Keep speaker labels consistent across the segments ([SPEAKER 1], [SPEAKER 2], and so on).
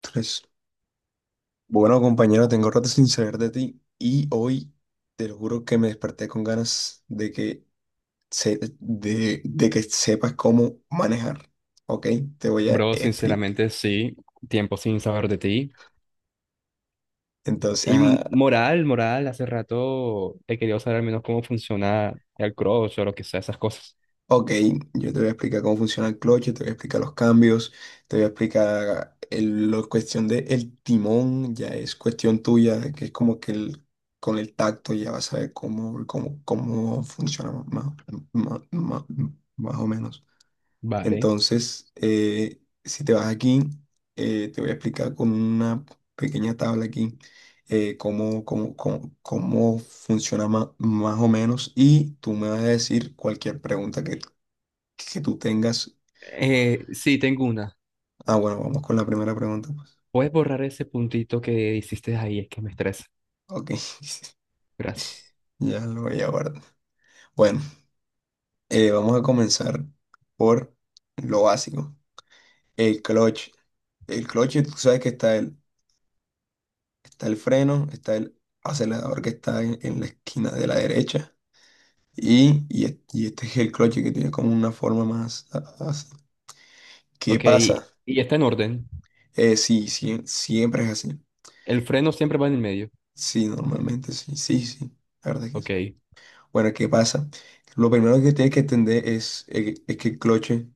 [SPEAKER 1] Tres. Bueno, compañero, tengo rato sin saber de ti y hoy te lo juro que me desperté con ganas de que sepas cómo manejar. ¿Ok? Te voy a
[SPEAKER 2] Bro,
[SPEAKER 1] explicar.
[SPEAKER 2] sinceramente sí, tiempo sin saber de ti.
[SPEAKER 1] Entonces,
[SPEAKER 2] Y hace rato he querido saber al menos cómo funciona el crush o lo que sea, esas cosas.
[SPEAKER 1] ok, yo te voy a explicar cómo funciona el clutch, yo te voy a explicar los cambios, te voy a explicar la cuestión del timón, ya es cuestión tuya, de que es como que con el tacto ya vas a ver cómo funciona más, más más- más o menos.
[SPEAKER 2] Vale.
[SPEAKER 1] Entonces, si te vas aquí, te voy a explicar con una pequeña tabla aquí cómo funciona más, o menos y tú me vas a decir cualquier pregunta que tú tengas.
[SPEAKER 2] Sí, tengo una.
[SPEAKER 1] Bueno, vamos con la primera pregunta, pues.
[SPEAKER 2] ¿Puedes borrar ese puntito que hiciste ahí? Es que me estresa.
[SPEAKER 1] Ok,
[SPEAKER 2] Gracias.
[SPEAKER 1] ya lo voy a guardar. Bueno, vamos a comenzar por lo básico. El clutch. El clutch, tú sabes que está él. Está el freno, está el acelerador que está en la esquina de la derecha. Y este es el cloche que tiene como una forma más así. ¿Qué
[SPEAKER 2] Ok, y
[SPEAKER 1] pasa?
[SPEAKER 2] está en orden.
[SPEAKER 1] Sí, sí, siempre es así.
[SPEAKER 2] El freno siempre va en el medio.
[SPEAKER 1] Sí, normalmente sí, sí, sí. La verdad es que
[SPEAKER 2] Ok.
[SPEAKER 1] sí. Bueno, ¿qué pasa? Lo primero que tienes que entender es que el cloche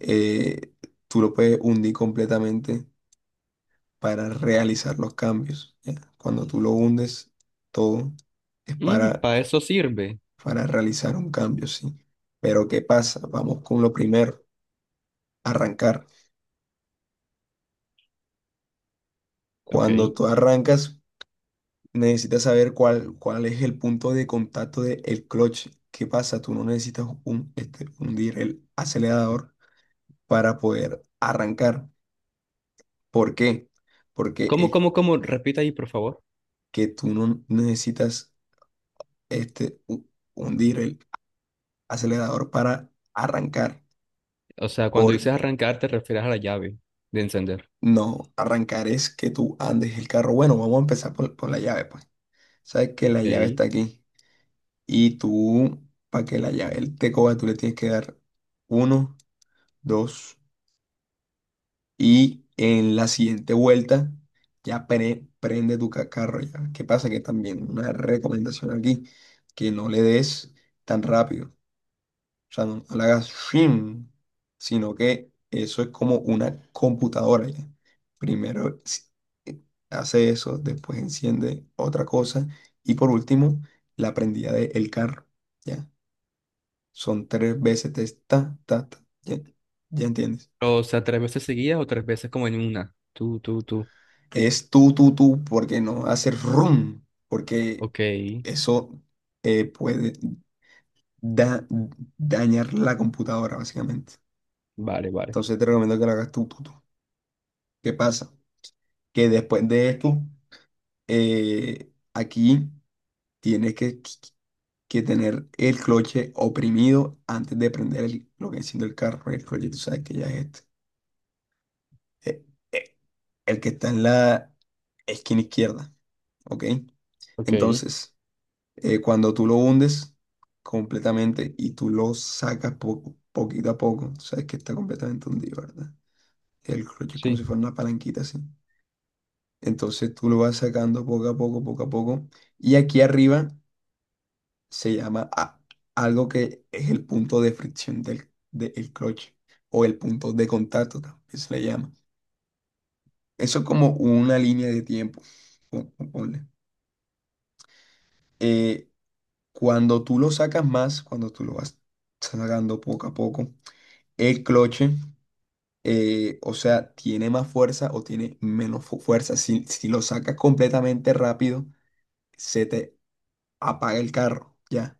[SPEAKER 1] eh, tú lo puedes hundir completamente para realizar los cambios. ¿Ya? Cuando tú lo hundes, todo es para
[SPEAKER 2] Para eso sirve.
[SPEAKER 1] para realizar un cambio, sí. Pero ¿qué pasa? Vamos con lo primero, arrancar.
[SPEAKER 2] Ok.
[SPEAKER 1] Cuando tú arrancas, necesitas saber cuál es el punto de contacto del clutch. ¿Qué pasa? Tú no necesitas hundir el acelerador para poder arrancar. ¿Por qué? Porque
[SPEAKER 2] ¿Cómo,
[SPEAKER 1] es
[SPEAKER 2] cómo, cómo? Repita ahí, por favor.
[SPEAKER 1] que tú no necesitas este, hu- hundir el acelerador para arrancar.
[SPEAKER 2] O sea, cuando
[SPEAKER 1] Por
[SPEAKER 2] dices arrancar, te refieres a la llave de encender.
[SPEAKER 1] no arrancar es que tú andes el carro. Bueno, vamos a empezar por la llave, pues. Sabes que la llave
[SPEAKER 2] Ok.
[SPEAKER 1] está aquí. Y tú, para que la llave él te coja, tú le tienes que dar uno, dos. Y en la siguiente vuelta ya prende tu carro ya. ¿Qué pasa? Que también una recomendación aquí, que no le des tan rápido. O sea, no, no le hagas shim, sino que eso es como una computadora ya. Primero eh, hace eso, después enciende otra cosa y por último la prendida del carro, ¿ya? Son tres veces de ta, ta, ta, ¿ya? ¿Ya entiendes?
[SPEAKER 2] O sea, ¿tres veces seguidas o tres veces como en una? Tú, tú, tú.
[SPEAKER 1] Es tú, tú, tú, porque no hacer rum, porque
[SPEAKER 2] Ok,
[SPEAKER 1] eso puede da- dañar la computadora, básicamente.
[SPEAKER 2] vale, vale.
[SPEAKER 1] Entonces te recomiendo que lo hagas tú, tú, tú. ¿Qué pasa? Que después de esto, aquí tienes que tener el cloche oprimido antes de prender lo que enciende el carro. El cloche, tú sabes que ya es este. eh, eh, el que está en la esquina izquierda, ¿ok?
[SPEAKER 2] Ok,
[SPEAKER 1] Entonces, cuando tú lo hundes completamente y tú lo sacas poco, poquito a poco, tú sabes que está completamente hundido, ¿verdad? El cloche es como
[SPEAKER 2] sí.
[SPEAKER 1] si fuera una palanquita así. Entonces tú lo vas sacando poco a poco, poco a poco. Y aquí arriba se llama algo que es el punto de fricción del clutch o el punto de contacto, también se le llama. Eso es como una línea de tiempo. Ponle. Eh, Cuando tú lo sacas más, cuando tú lo vas sacando poco a poco, el cloche, o sea, tiene más fuerza o tiene menos fuerza. Si lo sacas completamente rápido, se te apaga el carro, ¿ya?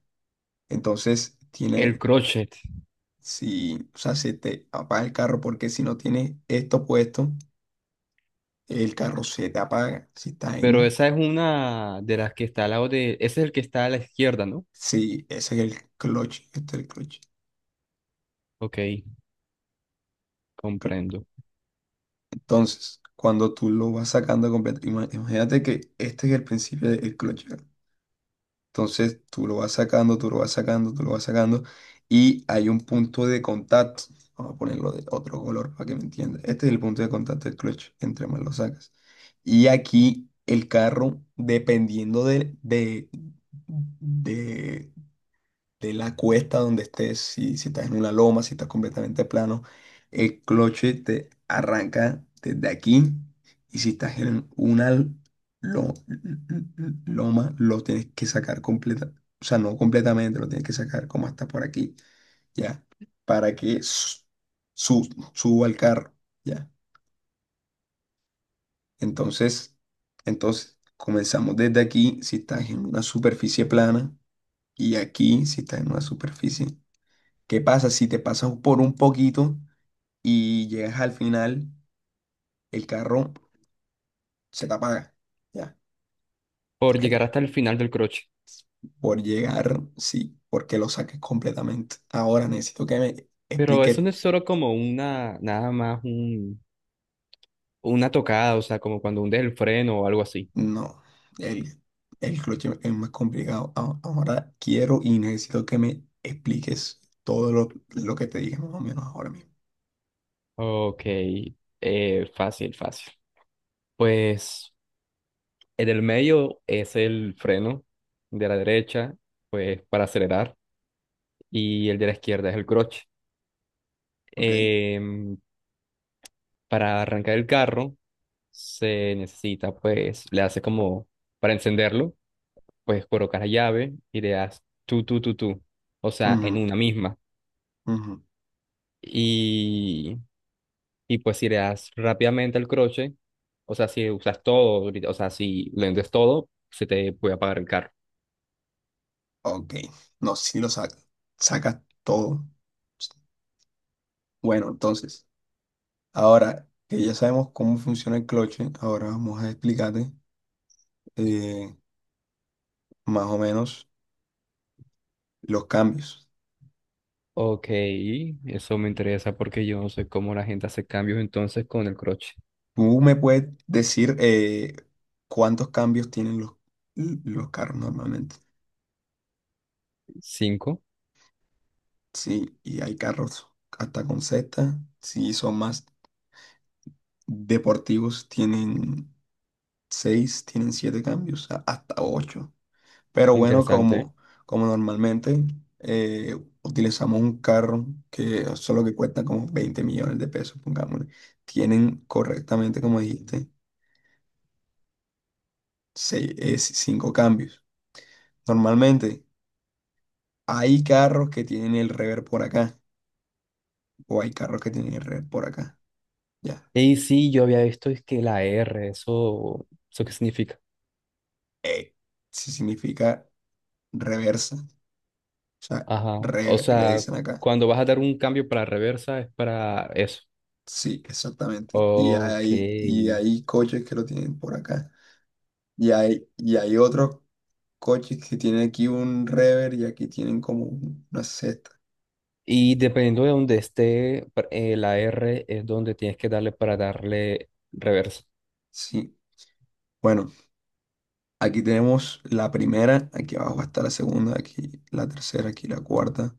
[SPEAKER 1] Entonces,
[SPEAKER 2] El
[SPEAKER 1] tiene,
[SPEAKER 2] crochet.
[SPEAKER 1] si, o sea, se te apaga el carro porque si no tienes esto puesto, el carro se te apaga. Si está
[SPEAKER 2] Pero
[SPEAKER 1] en,
[SPEAKER 2] esa es una de las que está al lado de... Ese es el que está a la izquierda, ¿no?
[SPEAKER 1] si ese es el clutch, este es el clutch.
[SPEAKER 2] Ok,
[SPEAKER 1] Cl-
[SPEAKER 2] comprendo.
[SPEAKER 1] Entonces, cuando tú lo vas sacando completo, imagínate que este es el principio del clutch. Entonces tú lo vas sacando, tú lo vas sacando, tú lo vas sacando y hay un punto de contacto. Vamos a ponerlo de otro color para que me entiendas. Este es el punto de contacto del clutch, entre más lo sacas. Y aquí el carro, dependiendo de de la cuesta donde estés, si estás en una loma, si estás completamente plano, el cloche te arranca desde aquí y si estás en una lo- loma, lo tienes que sacar completa, o sea, no completamente, lo tienes que sacar como hasta por aquí, ya, para que su- suba al carro, ya. Entonces, entonces, comenzamos desde aquí, si estás en una superficie plana, y aquí, si estás en una superficie. ¿Qué pasa si te pasas por un poquito y llegas al final, el carro se te apaga? Ya.
[SPEAKER 2] Por
[SPEAKER 1] Eh,
[SPEAKER 2] llegar hasta el final del crochet.
[SPEAKER 1] por llegar, sí, porque lo saques completamente. Ahora necesito que me
[SPEAKER 2] Pero eso
[SPEAKER 1] expliques.
[SPEAKER 2] no es solo como una, nada más un, una tocada, o sea, como cuando hundes el freno o algo así.
[SPEAKER 1] No, el, el clutch es más complicado. Ahora quiero y necesito que me expliques todo lo que te dije más o menos ahora mismo.
[SPEAKER 2] Ok, fácil, fácil. Pues... En el medio es el freno, de la derecha, pues para acelerar, y el de la izquierda es el clutch.
[SPEAKER 1] ¿Ok?
[SPEAKER 2] Em, para arrancar el carro se necesita, pues, le hace como, para encenderlo, pues colocas la llave y le das tú, tú, tú, tú, o sea,
[SPEAKER 1] Ujú,
[SPEAKER 2] en una misma.
[SPEAKER 1] ujú.
[SPEAKER 2] Y, y pues si le das rápidamente al croche, o sea, si usas todo, o sea, si le vendes todo, se te puede apagar el carro.
[SPEAKER 1] Ok. No, sí lo sacas. Sacas todo. Bueno, entonces. Ahora que ya sabemos cómo funciona el cloche, ahora vamos a explicarte eh, más o menos los cambios.
[SPEAKER 2] Ok, eso me interesa porque yo no sé cómo la gente hace cambios entonces con el crochet.
[SPEAKER 1] ¿Tú me puedes decir cuántos cambios tienen los carros normalmente?
[SPEAKER 2] Cinco,
[SPEAKER 1] Sí, y hay carros hasta con sexta. Si son más deportivos, tienen seis, tienen siete cambios, hasta ocho. Pero bueno,
[SPEAKER 2] interesante.
[SPEAKER 1] como normalmente eh, utilizamos un carro que solo que cuesta como 20 millones de pesos, pongámosle, tienen correctamente, como dijiste, seis, cinco cambios. Normalmente hay carros que tienen el rever por acá o hay carros que tienen el rever por acá. Ya.
[SPEAKER 2] Y sí, yo había visto es que la R, eso, ¿eso qué significa?
[SPEAKER 1] Eh, sí significa reversa. O sea,
[SPEAKER 2] Ajá, o
[SPEAKER 1] rever le
[SPEAKER 2] sea,
[SPEAKER 1] dicen acá.
[SPEAKER 2] cuando vas a dar un cambio para reversa es para eso.
[SPEAKER 1] Sí, exactamente. Y
[SPEAKER 2] Ok,
[SPEAKER 1] hay, y hay coches que lo tienen por acá. Y hay otros coches que tienen aquí un rever y aquí tienen como una seta.
[SPEAKER 2] y dependiendo de donde esté la R es donde tienes que darle para darle reversa.
[SPEAKER 1] Sí. Bueno, aquí tenemos la primera, aquí abajo está la segunda, aquí la tercera, aquí la cuarta,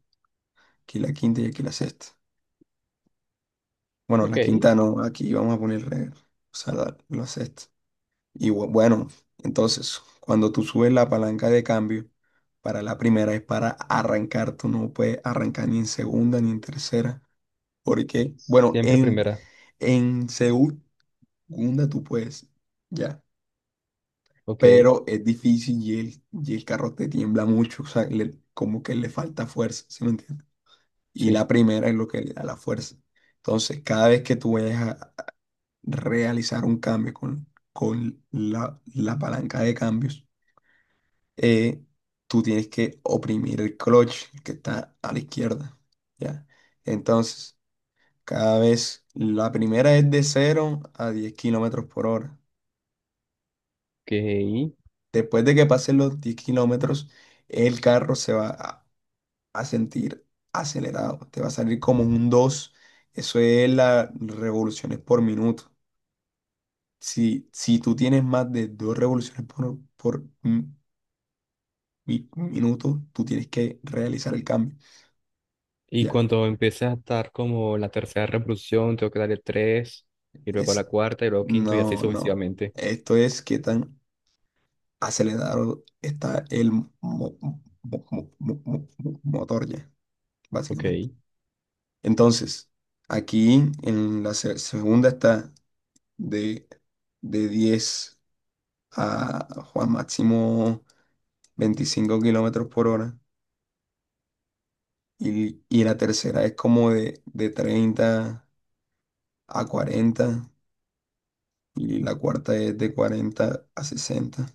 [SPEAKER 1] aquí la quinta y aquí la sexta. Bueno,
[SPEAKER 2] Ok,
[SPEAKER 1] la quinta no, aquí vamos a poner rever, o sea, la sexta. Y bueno, entonces, cuando tú subes la palanca de cambio, para la primera es para arrancar, tú no puedes arrancar ni en segunda ni en tercera, porque, bueno,
[SPEAKER 2] siempre
[SPEAKER 1] en,
[SPEAKER 2] primera.
[SPEAKER 1] en segunda Gunda, tú puedes, ya.
[SPEAKER 2] Ok,
[SPEAKER 1] Pero es difícil y el carro te tiembla mucho, o sea, como que le falta fuerza, ¿sí me entiendes? Y la
[SPEAKER 2] sí,
[SPEAKER 1] primera es lo que le da la fuerza. Entonces, cada vez que tú vayas a realizar un cambio con la palanca de cambios, eh, tú tienes que oprimir el clutch el que está a la izquierda, ¿ya? Entonces, cada vez, la primera es de 0 a 10 kilómetros por hora.
[SPEAKER 2] ok.
[SPEAKER 1] Después de que pasen los 10 kilómetros, el carro se va a sentir acelerado. Te va a salir como un 2. Eso es las revoluciones por minuto. Si tú tienes más de 2 revoluciones por minuto, tú tienes que realizar el cambio.
[SPEAKER 2] Y
[SPEAKER 1] Ya.
[SPEAKER 2] cuando empieces a estar como en la tercera reproducción, tengo que darle tres, y luego la
[SPEAKER 1] Es,
[SPEAKER 2] cuarta, y luego quinto, y así
[SPEAKER 1] no, no.
[SPEAKER 2] sucesivamente.
[SPEAKER 1] Esto es qué tan acelerado está el motor ya,
[SPEAKER 2] Ok.
[SPEAKER 1] básicamente. Entonces, aquí en la segunda está de, de 10 a Juan máximo 25 kilómetros por hora. Y la tercera es como de 30 a 40. Y la cuarta es de 40 a 60.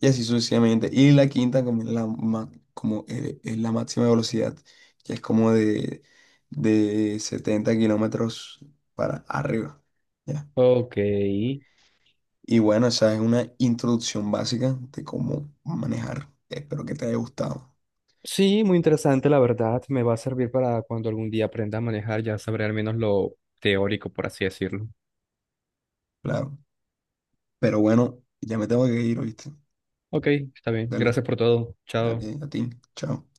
[SPEAKER 1] Y así sucesivamente. Y la quinta como es la máxima velocidad, que es como de 70 kilómetros para arriba, ¿ya?
[SPEAKER 2] Ok.
[SPEAKER 1] Y bueno, esa es una introducción básica de cómo manejar. Espero que te haya gustado,
[SPEAKER 2] Sí, muy interesante, la verdad. Me va a servir para cuando algún día aprenda a manejar, ya sabré al menos lo teórico, por así decirlo.
[SPEAKER 1] claro. Pero bueno, ya me tengo que ir, ¿oíste?
[SPEAKER 2] Ok, está bien.
[SPEAKER 1] Dale,
[SPEAKER 2] Gracias por todo. Chao.
[SPEAKER 1] dale a ti. Chao.